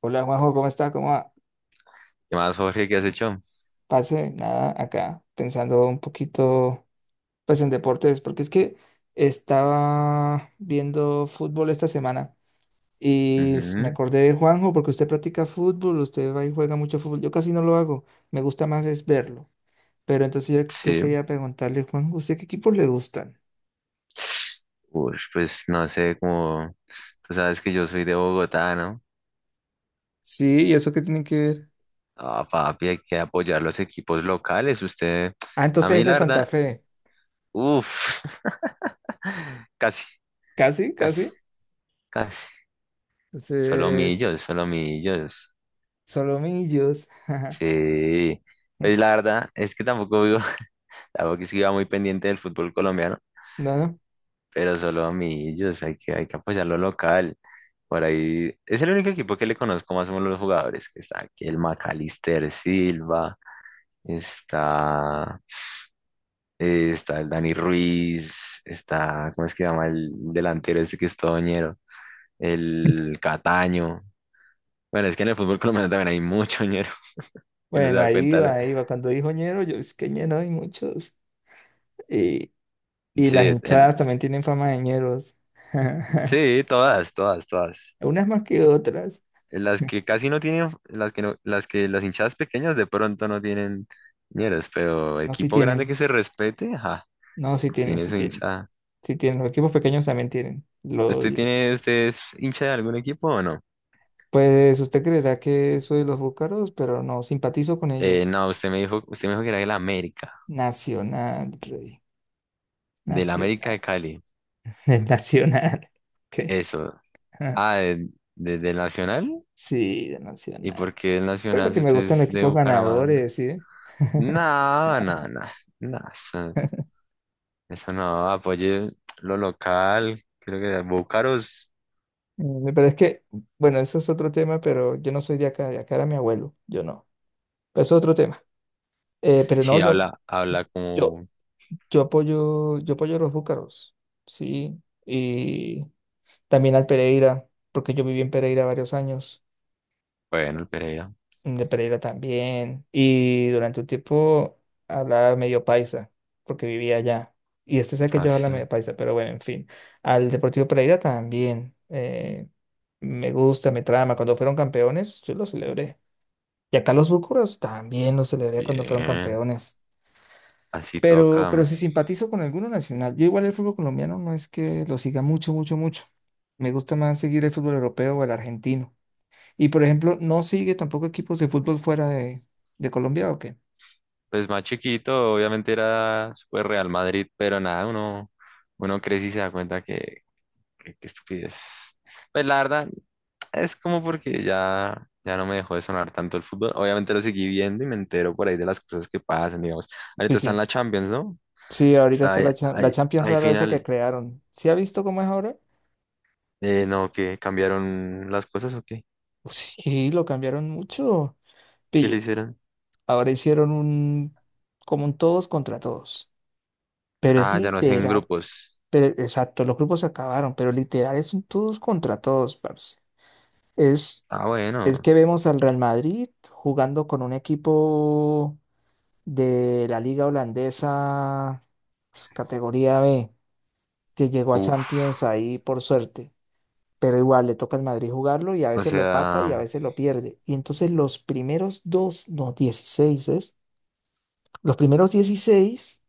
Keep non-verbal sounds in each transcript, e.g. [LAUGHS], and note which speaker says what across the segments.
Speaker 1: Hola Juanjo, ¿cómo está? ¿Cómo va?
Speaker 2: ¿Qué más, Jorge? ¿Qué has hecho?
Speaker 1: Pase, nada, acá pensando un poquito pues en deportes, porque es que estaba viendo fútbol esta semana y me
Speaker 2: Ujú.
Speaker 1: acordé de Juanjo porque usted practica fútbol, usted va y juega mucho fútbol, yo casi no lo hago, me gusta más es verlo, pero entonces yo
Speaker 2: Sí.
Speaker 1: quería preguntarle, Juanjo, ¿usted qué equipos le gustan?
Speaker 2: Uy, pues no sé, como tú sabes que yo soy de Bogotá, ¿no?
Speaker 1: Sí, ¿y eso qué tiene que ver?
Speaker 2: Ah, papi, hay que apoyar los equipos locales. Usted,
Speaker 1: Ah,
Speaker 2: a
Speaker 1: entonces
Speaker 2: mí
Speaker 1: es de
Speaker 2: la
Speaker 1: Santa
Speaker 2: verdad,
Speaker 1: Fe,
Speaker 2: uff, [LAUGHS] casi,
Speaker 1: casi,
Speaker 2: casi,
Speaker 1: casi,
Speaker 2: casi. Solo
Speaker 1: entonces
Speaker 2: millos, solo millos.
Speaker 1: Solomillos, [LAUGHS]
Speaker 2: Sí. Pues la verdad es que tampoco vivo, [LAUGHS] tampoco es que iba muy pendiente del fútbol colombiano,
Speaker 1: no, no.
Speaker 2: pero solo millos, hay que apoyar lo local. Por ahí es el único equipo que le conozco más o menos los jugadores, que está aquí el Macalister Silva, está, está el Dani Ruiz, está, ¿cómo es que se llama el delantero este que es todo ñero? El Cataño. Bueno, es que en el fútbol colombiano también hay mucho ñero, [LAUGHS] y no se
Speaker 1: Bueno,
Speaker 2: da
Speaker 1: ahí
Speaker 2: cuenta.
Speaker 1: va, ahí va. Cuando dijo ñero, yo es que ñero hay muchos. Y, y las
Speaker 2: Sí,
Speaker 1: hinchadas también tienen fama de ñeros.
Speaker 2: sí,
Speaker 1: [LAUGHS]
Speaker 2: todas, todas, todas.
Speaker 1: Unas más que otras.
Speaker 2: Las que casi no tienen, las que no, las que las hinchadas pequeñas de pronto no tienen ñeros, pero
Speaker 1: No, sí
Speaker 2: equipo grande
Speaker 1: tienen.
Speaker 2: que se respete, ajá,
Speaker 1: No, sí tienen,
Speaker 2: tiene
Speaker 1: sí
Speaker 2: su
Speaker 1: tienen.
Speaker 2: hinchada.
Speaker 1: Sí tienen. Los equipos pequeños también tienen.
Speaker 2: ¿Usted tiene, usted es hincha de algún equipo o no?
Speaker 1: Pues usted creerá que soy de los búcaros, pero no, simpatizo con ellos.
Speaker 2: No, usted me dijo, que era de América,
Speaker 1: Nacional, rey.
Speaker 2: del América de
Speaker 1: Nacional.
Speaker 2: Cali.
Speaker 1: [LAUGHS] El Nacional. Ok.
Speaker 2: Eso.
Speaker 1: [LAUGHS]
Speaker 2: Ah, del Nacional.
Speaker 1: Sí, de
Speaker 2: ¿Y
Speaker 1: Nacional.
Speaker 2: por qué el
Speaker 1: Pero
Speaker 2: Nacional
Speaker 1: que
Speaker 2: si
Speaker 1: me
Speaker 2: usted
Speaker 1: gustan
Speaker 2: es
Speaker 1: los
Speaker 2: de
Speaker 1: equipos
Speaker 2: Bucaramanga?
Speaker 1: ganadores, ¿sí?
Speaker 2: No, no, no, no, eso,
Speaker 1: [LAUGHS]
Speaker 2: eso no, apoye lo local, creo que Búcaros
Speaker 1: Pero es que, bueno, eso es otro tema, pero yo no soy de acá era mi abuelo, yo no. Pero eso es otro tema. Pero no,
Speaker 2: sí habla, habla
Speaker 1: yo,
Speaker 2: como,
Speaker 1: yo apoyo a los búcaros, sí, y también al Pereira, porque yo viví en Pereira varios años.
Speaker 2: bueno, el Pereira,
Speaker 1: De Pereira también. Y durante un tiempo hablaba medio paisa, porque vivía allá. Y este sé que yo hablo
Speaker 2: así,
Speaker 1: medio paisa, pero bueno, en fin. Al Deportivo Pereira también. Me gusta, me trama. Cuando fueron campeones, yo lo celebré. Y acá los Búcaros también lo celebré cuando fueron
Speaker 2: bien,
Speaker 1: campeones.
Speaker 2: así
Speaker 1: Pero
Speaker 2: toca.
Speaker 1: si simpatizo con alguno nacional, yo igual el fútbol colombiano no es que lo siga mucho, mucho, mucho. Me gusta más seguir el fútbol europeo o el argentino. Y por ejemplo, ¿no sigue tampoco equipos de fútbol fuera de Colombia o qué?
Speaker 2: Pues más chiquito, obviamente era súper Real Madrid, pero nada, uno crece y se da cuenta que, que estupidez. Pues la verdad, es como porque ya no me dejó de sonar tanto el fútbol. Obviamente lo seguí viendo y me entero por ahí de las cosas que pasan, digamos.
Speaker 1: Sí,
Speaker 2: Ahorita está en
Speaker 1: sí.
Speaker 2: la Champions, ¿no?
Speaker 1: Sí, ahorita
Speaker 2: Está
Speaker 1: está
Speaker 2: ahí,
Speaker 1: la
Speaker 2: ahí-
Speaker 1: Champions
Speaker 2: ahí
Speaker 1: rara esa que
Speaker 2: final.
Speaker 1: crearon. ¿Sí ha visto cómo es ahora?
Speaker 2: No, ¿que cambiaron las cosas o qué?
Speaker 1: Sí, lo cambiaron mucho.
Speaker 2: ¿Qué le
Speaker 1: Pille,
Speaker 2: hicieron?
Speaker 1: ahora hicieron un como un todos contra todos. Pero es
Speaker 2: Ah, ya no hacen
Speaker 1: literal.
Speaker 2: grupos.
Speaker 1: Pero exacto, los grupos se acabaron, pero literal es un todos contra todos, parce. Es
Speaker 2: Ah,
Speaker 1: es
Speaker 2: bueno.
Speaker 1: que vemos al Real Madrid jugando con un equipo de la liga holandesa, pues, categoría B, que llegó a
Speaker 2: Uf.
Speaker 1: Champions ahí por suerte. Pero igual le toca al Madrid jugarlo y a
Speaker 2: O
Speaker 1: veces lo empata y a
Speaker 2: sea,
Speaker 1: veces lo pierde. Y entonces los primeros dos, no, 16 ¿es? Los primeros 16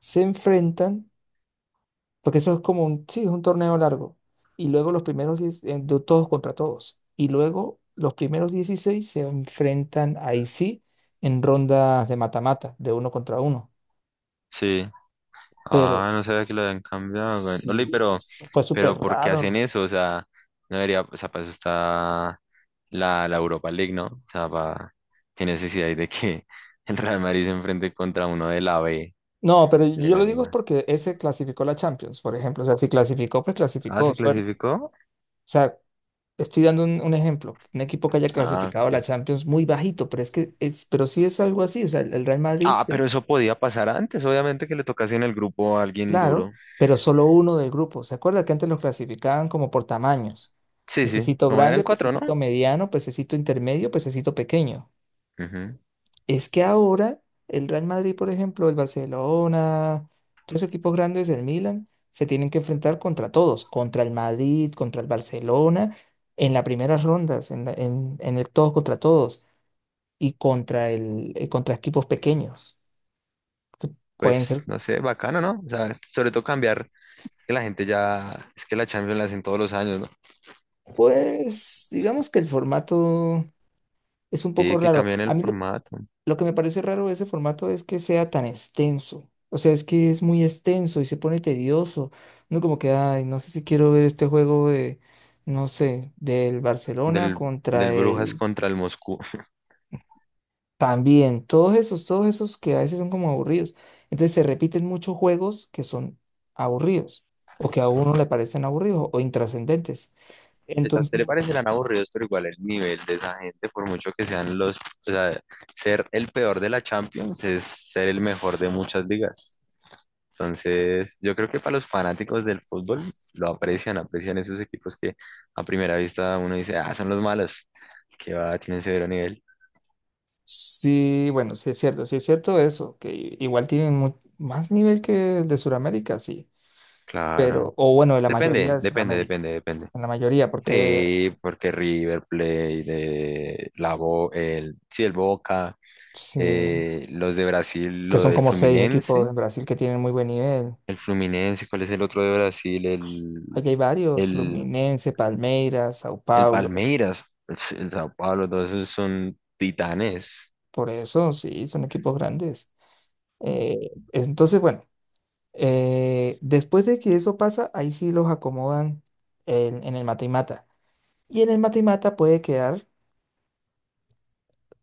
Speaker 1: se enfrentan, porque eso es como un, sí, es un torneo largo. Y luego los primeros 10, de todos contra todos. Y luego los primeros 16 se enfrentan ahí sí, en rondas de mata-mata, de uno contra uno.
Speaker 2: sí.
Speaker 1: Pero
Speaker 2: Ah, no sabía que lo habían cambiado, güey. Ole,
Speaker 1: Sí,
Speaker 2: pero,
Speaker 1: fue súper
Speaker 2: ¿por qué hacen
Speaker 1: raro.
Speaker 2: eso? O sea, no debería, o sea, para eso está la Europa League, ¿no? O sea, para, qué necesidad hay de que [LAUGHS] el Real Madrid se enfrente contra uno de la B
Speaker 1: No, pero
Speaker 2: de
Speaker 1: yo
Speaker 2: la
Speaker 1: lo digo es
Speaker 2: Liga.
Speaker 1: porque ese clasificó la Champions, por ejemplo. O sea, si clasificó, pues
Speaker 2: Ah,
Speaker 1: clasificó.
Speaker 2: ¿se
Speaker 1: Suerte.
Speaker 2: clasificó?
Speaker 1: O sea, estoy dando un ejemplo. Un equipo que haya
Speaker 2: Ah,
Speaker 1: clasificado a la
Speaker 2: ok.
Speaker 1: Champions muy bajito, pero es que es, pero sí es algo así. O sea, el Real Madrid,
Speaker 2: Ah, pero eso podía pasar antes, obviamente que le tocase en el grupo a alguien duro.
Speaker 1: claro, pero solo uno del grupo. ¿Se acuerda que antes los clasificaban como por tamaños?
Speaker 2: Sí, sí,
Speaker 1: Pececito
Speaker 2: como eran
Speaker 1: grande,
Speaker 2: cuatro, ¿no?
Speaker 1: pececito mediano, pececito intermedio, pececito pequeño.
Speaker 2: Ujú.
Speaker 1: Es que ahora el Real Madrid, por ejemplo, el Barcelona, todos los equipos grandes, el Milan, se tienen que enfrentar contra todos, contra el Madrid, contra el Barcelona, en las primeras rondas, en el todos contra todos y contra equipos pequeños. Que
Speaker 2: Pues,
Speaker 1: Pueden ser,
Speaker 2: no sé, bacano, ¿no? O sea, sobre todo cambiar, que la gente ya, es que la Champions la hacen todos los años, ¿no?
Speaker 1: pues, digamos que el formato es un
Speaker 2: Sí,
Speaker 1: poco
Speaker 2: que
Speaker 1: raro.
Speaker 2: cambian el
Speaker 1: A mí
Speaker 2: formato
Speaker 1: lo que me parece raro de ese formato es que sea tan extenso. O sea, es que es muy extenso y se pone tedioso. No como que, ay, no sé si quiero ver este juego de, no sé, del Barcelona
Speaker 2: del,
Speaker 1: contra
Speaker 2: del Brujas
Speaker 1: el...
Speaker 2: contra el Moscú. [LAUGHS]
Speaker 1: También, todos esos que a veces son como aburridos. Entonces se repiten muchos juegos que son aburridos o que a uno le parecen aburridos o intrascendentes.
Speaker 2: Pues a
Speaker 1: Entonces,
Speaker 2: usted le parecerán aburridos, pero igual el nivel de esa gente, por mucho que sean los, o sea, ser el peor de la Champions es ser el mejor de muchas ligas. Entonces, yo creo que para los fanáticos del fútbol aprecian esos equipos que a primera vista uno dice, ah, son los malos, que va, tienen severo nivel.
Speaker 1: sí, bueno, sí es cierto eso, que igual tienen más nivel que el de Sudamérica, sí.
Speaker 2: Claro.
Speaker 1: Pero, o bueno, de la mayoría
Speaker 2: Depende,
Speaker 1: de
Speaker 2: depende,
Speaker 1: Sudamérica,
Speaker 2: depende, depende.
Speaker 1: en la mayoría, porque
Speaker 2: Sí, porque River Plate, el, sí, el Boca,
Speaker 1: sí,
Speaker 2: los de Brasil,
Speaker 1: que
Speaker 2: lo
Speaker 1: son
Speaker 2: del
Speaker 1: como seis equipos
Speaker 2: Fluminense,
Speaker 1: en Brasil que tienen muy buen nivel.
Speaker 2: el Fluminense, ¿cuál es el otro de Brasil? El,
Speaker 1: Allá hay varios,
Speaker 2: el,
Speaker 1: Fluminense, Palmeiras, Sao
Speaker 2: el
Speaker 1: Paulo,
Speaker 2: Palmeiras, pues, el, Sao Paulo, todos esos son titanes.
Speaker 1: por eso sí, son equipos grandes. Entonces, bueno, después de que eso pasa, ahí sí los acomodan en el mata y mata. Y en el mata y mata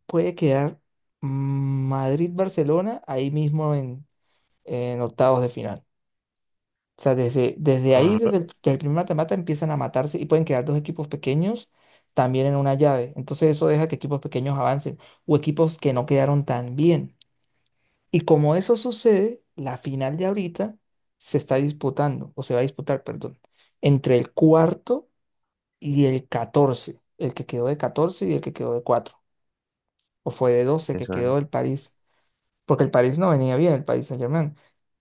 Speaker 1: puede quedar Madrid-Barcelona ahí mismo en octavos de final. O sea, desde ahí,
Speaker 2: Ajá.
Speaker 1: desde el primer matamata, empiezan a matarse y pueden quedar dos equipos pequeños también en una llave. Entonces eso deja que equipos pequeños avancen o equipos que no quedaron tan bien. Y como eso sucede, la final de ahorita se está disputando, o se va a disputar, perdón, entre el cuarto y el 14, el que quedó de 14 y el que quedó de cuatro, o fue de 12
Speaker 2: ¿Quiénes
Speaker 1: que quedó
Speaker 2: son?
Speaker 1: el París, porque el París no venía bien, el París Saint-Germain,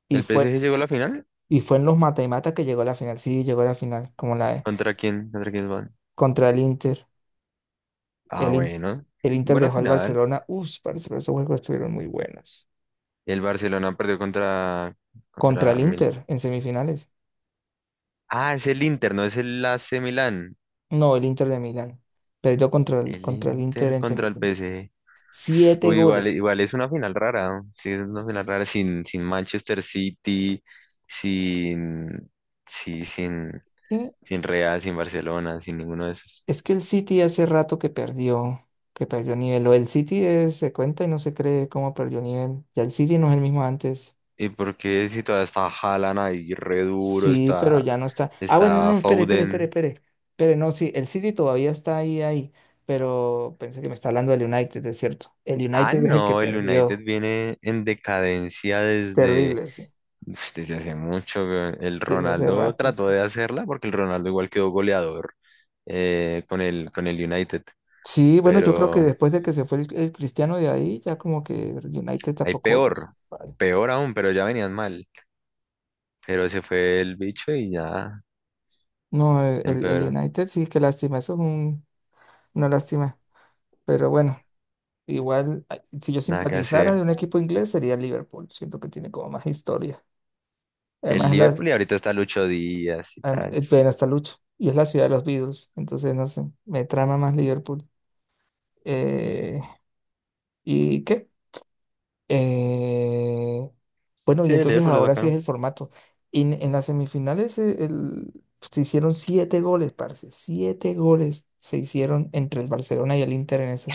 Speaker 1: y
Speaker 2: ¿El
Speaker 1: fue,
Speaker 2: PSG llegó a la final?
Speaker 1: y fue en los mata y mata que llegó a la final, sí, llegó a la final, como la
Speaker 2: ¿Contra quién? ¿Contra quién van?
Speaker 1: contra el Inter.
Speaker 2: Ah,
Speaker 1: El, In-
Speaker 2: bueno,
Speaker 1: el Inter
Speaker 2: buena
Speaker 1: dejó al
Speaker 2: final.
Speaker 1: Barcelona. Uf, parece que esos juegos estuvieron muy buenos.
Speaker 2: El Barcelona perdió contra,
Speaker 1: Contra el
Speaker 2: Mil.
Speaker 1: Inter en semifinales.
Speaker 2: Ah, es el Inter, no es el AC Milán.
Speaker 1: No, el Inter de Milán. Perdió contra
Speaker 2: El
Speaker 1: contra el Inter
Speaker 2: Inter
Speaker 1: en
Speaker 2: contra el
Speaker 1: semifinales.
Speaker 2: PSG.
Speaker 1: Siete
Speaker 2: Uy, igual,
Speaker 1: goles.
Speaker 2: igual es una final rara, ¿no? Sí, es una final rara sin, Manchester City, sin, sí, sin,
Speaker 1: ¿Qué?
Speaker 2: sin Real, sin Barcelona, sin ninguno de esos.
Speaker 1: Es que el City hace rato que perdió nivel. O el City se cuenta y no se cree cómo perdió nivel. Ya el City no es el mismo antes.
Speaker 2: ¿Y por qué si todavía está Haaland ahí re duro,
Speaker 1: Sí,
Speaker 2: está,
Speaker 1: pero ya no está. Ah, bueno, no,
Speaker 2: está
Speaker 1: no, espere, espere, espere,
Speaker 2: Foden?
Speaker 1: espere. Espere, no, sí, el City todavía está ahí, ahí, pero pensé que me está hablando del United, es cierto. El
Speaker 2: Ah,
Speaker 1: United es el que
Speaker 2: no, el United
Speaker 1: perdió.
Speaker 2: viene en decadencia desde,
Speaker 1: Terrible, sí,
Speaker 2: desde hace mucho, weón. El
Speaker 1: desde hace
Speaker 2: Ronaldo
Speaker 1: ratos.
Speaker 2: trató
Speaker 1: Sí,
Speaker 2: de hacerla porque el Ronaldo igual quedó goleador, con el United.
Speaker 1: sí, bueno, yo creo que
Speaker 2: Pero
Speaker 1: después de que se fue el Cristiano de ahí, ya como que el United
Speaker 2: hay
Speaker 1: tampoco volvió a ser
Speaker 2: peor,
Speaker 1: igual.
Speaker 2: peor aún, pero ya venían mal. Pero se fue el bicho y ya
Speaker 1: No, el
Speaker 2: empeoró,
Speaker 1: United sí, qué lástima, eso es una lástima. Pero bueno, igual, ay, si yo
Speaker 2: nada que
Speaker 1: simpatizara de
Speaker 2: hacer.
Speaker 1: un equipo inglés sería el Liverpool, siento que tiene como más historia.
Speaker 2: El
Speaker 1: Además,
Speaker 2: Liverpool y ahorita está Lucho Díaz y tal.
Speaker 1: ven hasta Lucho y es la ciudad de los Beatles, entonces no sé, me trama más Liverpool. Eh, ¿Y qué? Eh, bueno,
Speaker 2: Sí,
Speaker 1: y
Speaker 2: el
Speaker 1: entonces
Speaker 2: Liverpool es
Speaker 1: ahora sí es
Speaker 2: bacano.
Speaker 1: el formato. En las semifinales se hicieron siete goles, parce, siete goles se hicieron entre el Barcelona y el Inter en esas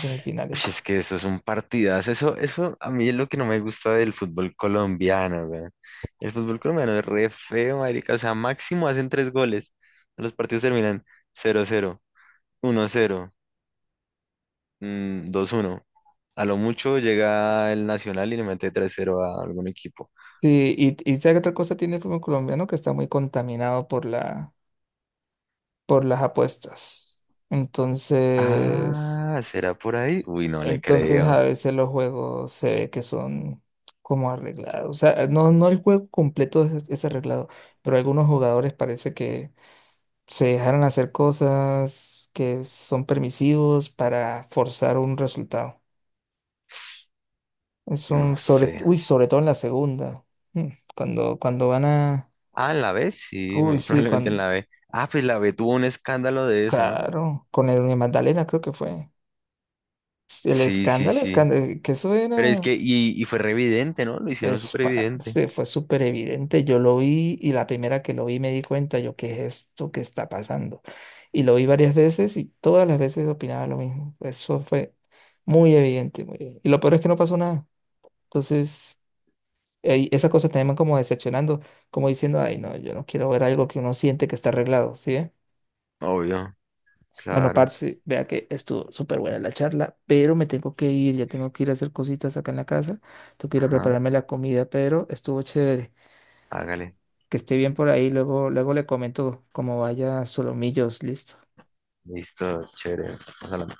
Speaker 2: Ush,
Speaker 1: semifinales.
Speaker 2: es que eso es un partidazo, eso, a mí es lo que no me gusta del fútbol colombiano, weón. El fútbol colombiano es re feo, marica, o sea, máximo hacen tres goles. Los partidos terminan 0-0, uno 0, 2-1. A lo mucho llega el Nacional y le mete 3-0 a algún equipo.
Speaker 1: Sí, ¿sabe qué otra cosa tiene el fútbol colombiano que está muy contaminado por por las apuestas. Entonces...
Speaker 2: Ah, ¿será por ahí? Uy, no le
Speaker 1: entonces a
Speaker 2: creo.
Speaker 1: veces los juegos se ve que son como arreglados. O sea, no, no el juego completo es arreglado, pero algunos jugadores parece que se dejaron hacer cosas que son permisivos para forzar un resultado. Es un
Speaker 2: No
Speaker 1: sobre,
Speaker 2: sé.
Speaker 1: uy, sobre todo en la segunda. Mm, cuando van a.
Speaker 2: Ah, ¿en la B? Sí,
Speaker 1: Uy,
Speaker 2: muy [LAUGHS]
Speaker 1: sí,
Speaker 2: probablemente en
Speaker 1: cuando,
Speaker 2: la B. Ah, pues la B tuvo un escándalo de eso, ¿no?
Speaker 1: claro, con el Magdalena creo que fue. El
Speaker 2: Sí, sí,
Speaker 1: escándalo,
Speaker 2: sí.
Speaker 1: escándalo, que eso
Speaker 2: Pero es
Speaker 1: era.
Speaker 2: que, y fue re evidente, ¿no? Lo hicieron
Speaker 1: Es,
Speaker 2: súper evidente.
Speaker 1: parce, fue súper evidente. Yo lo vi y la primera que lo vi me di cuenta yo, ¿qué es esto que está pasando? Y lo vi varias veces y todas las veces opinaba lo mismo. Eso fue muy evidente, muy evidente. Y lo peor es que no pasó nada. Entonces, ey, esas cosas te van como decepcionando, como diciendo, ay, no, yo no quiero ver algo que uno siente que está arreglado, ¿sí? ¿ve?
Speaker 2: Obvio,
Speaker 1: Bueno,
Speaker 2: claro.
Speaker 1: parce, vea que estuvo súper buena la charla, pero me tengo que ir, ya tengo que ir a hacer cositas acá en la casa. Tengo que ir a
Speaker 2: Ajá,
Speaker 1: prepararme la comida, pero estuvo chévere.
Speaker 2: hágale.
Speaker 1: Que esté bien por ahí. Luego, luego le comento cómo vaya Solomillos, listo.
Speaker 2: Listo, chévere. Vamos a la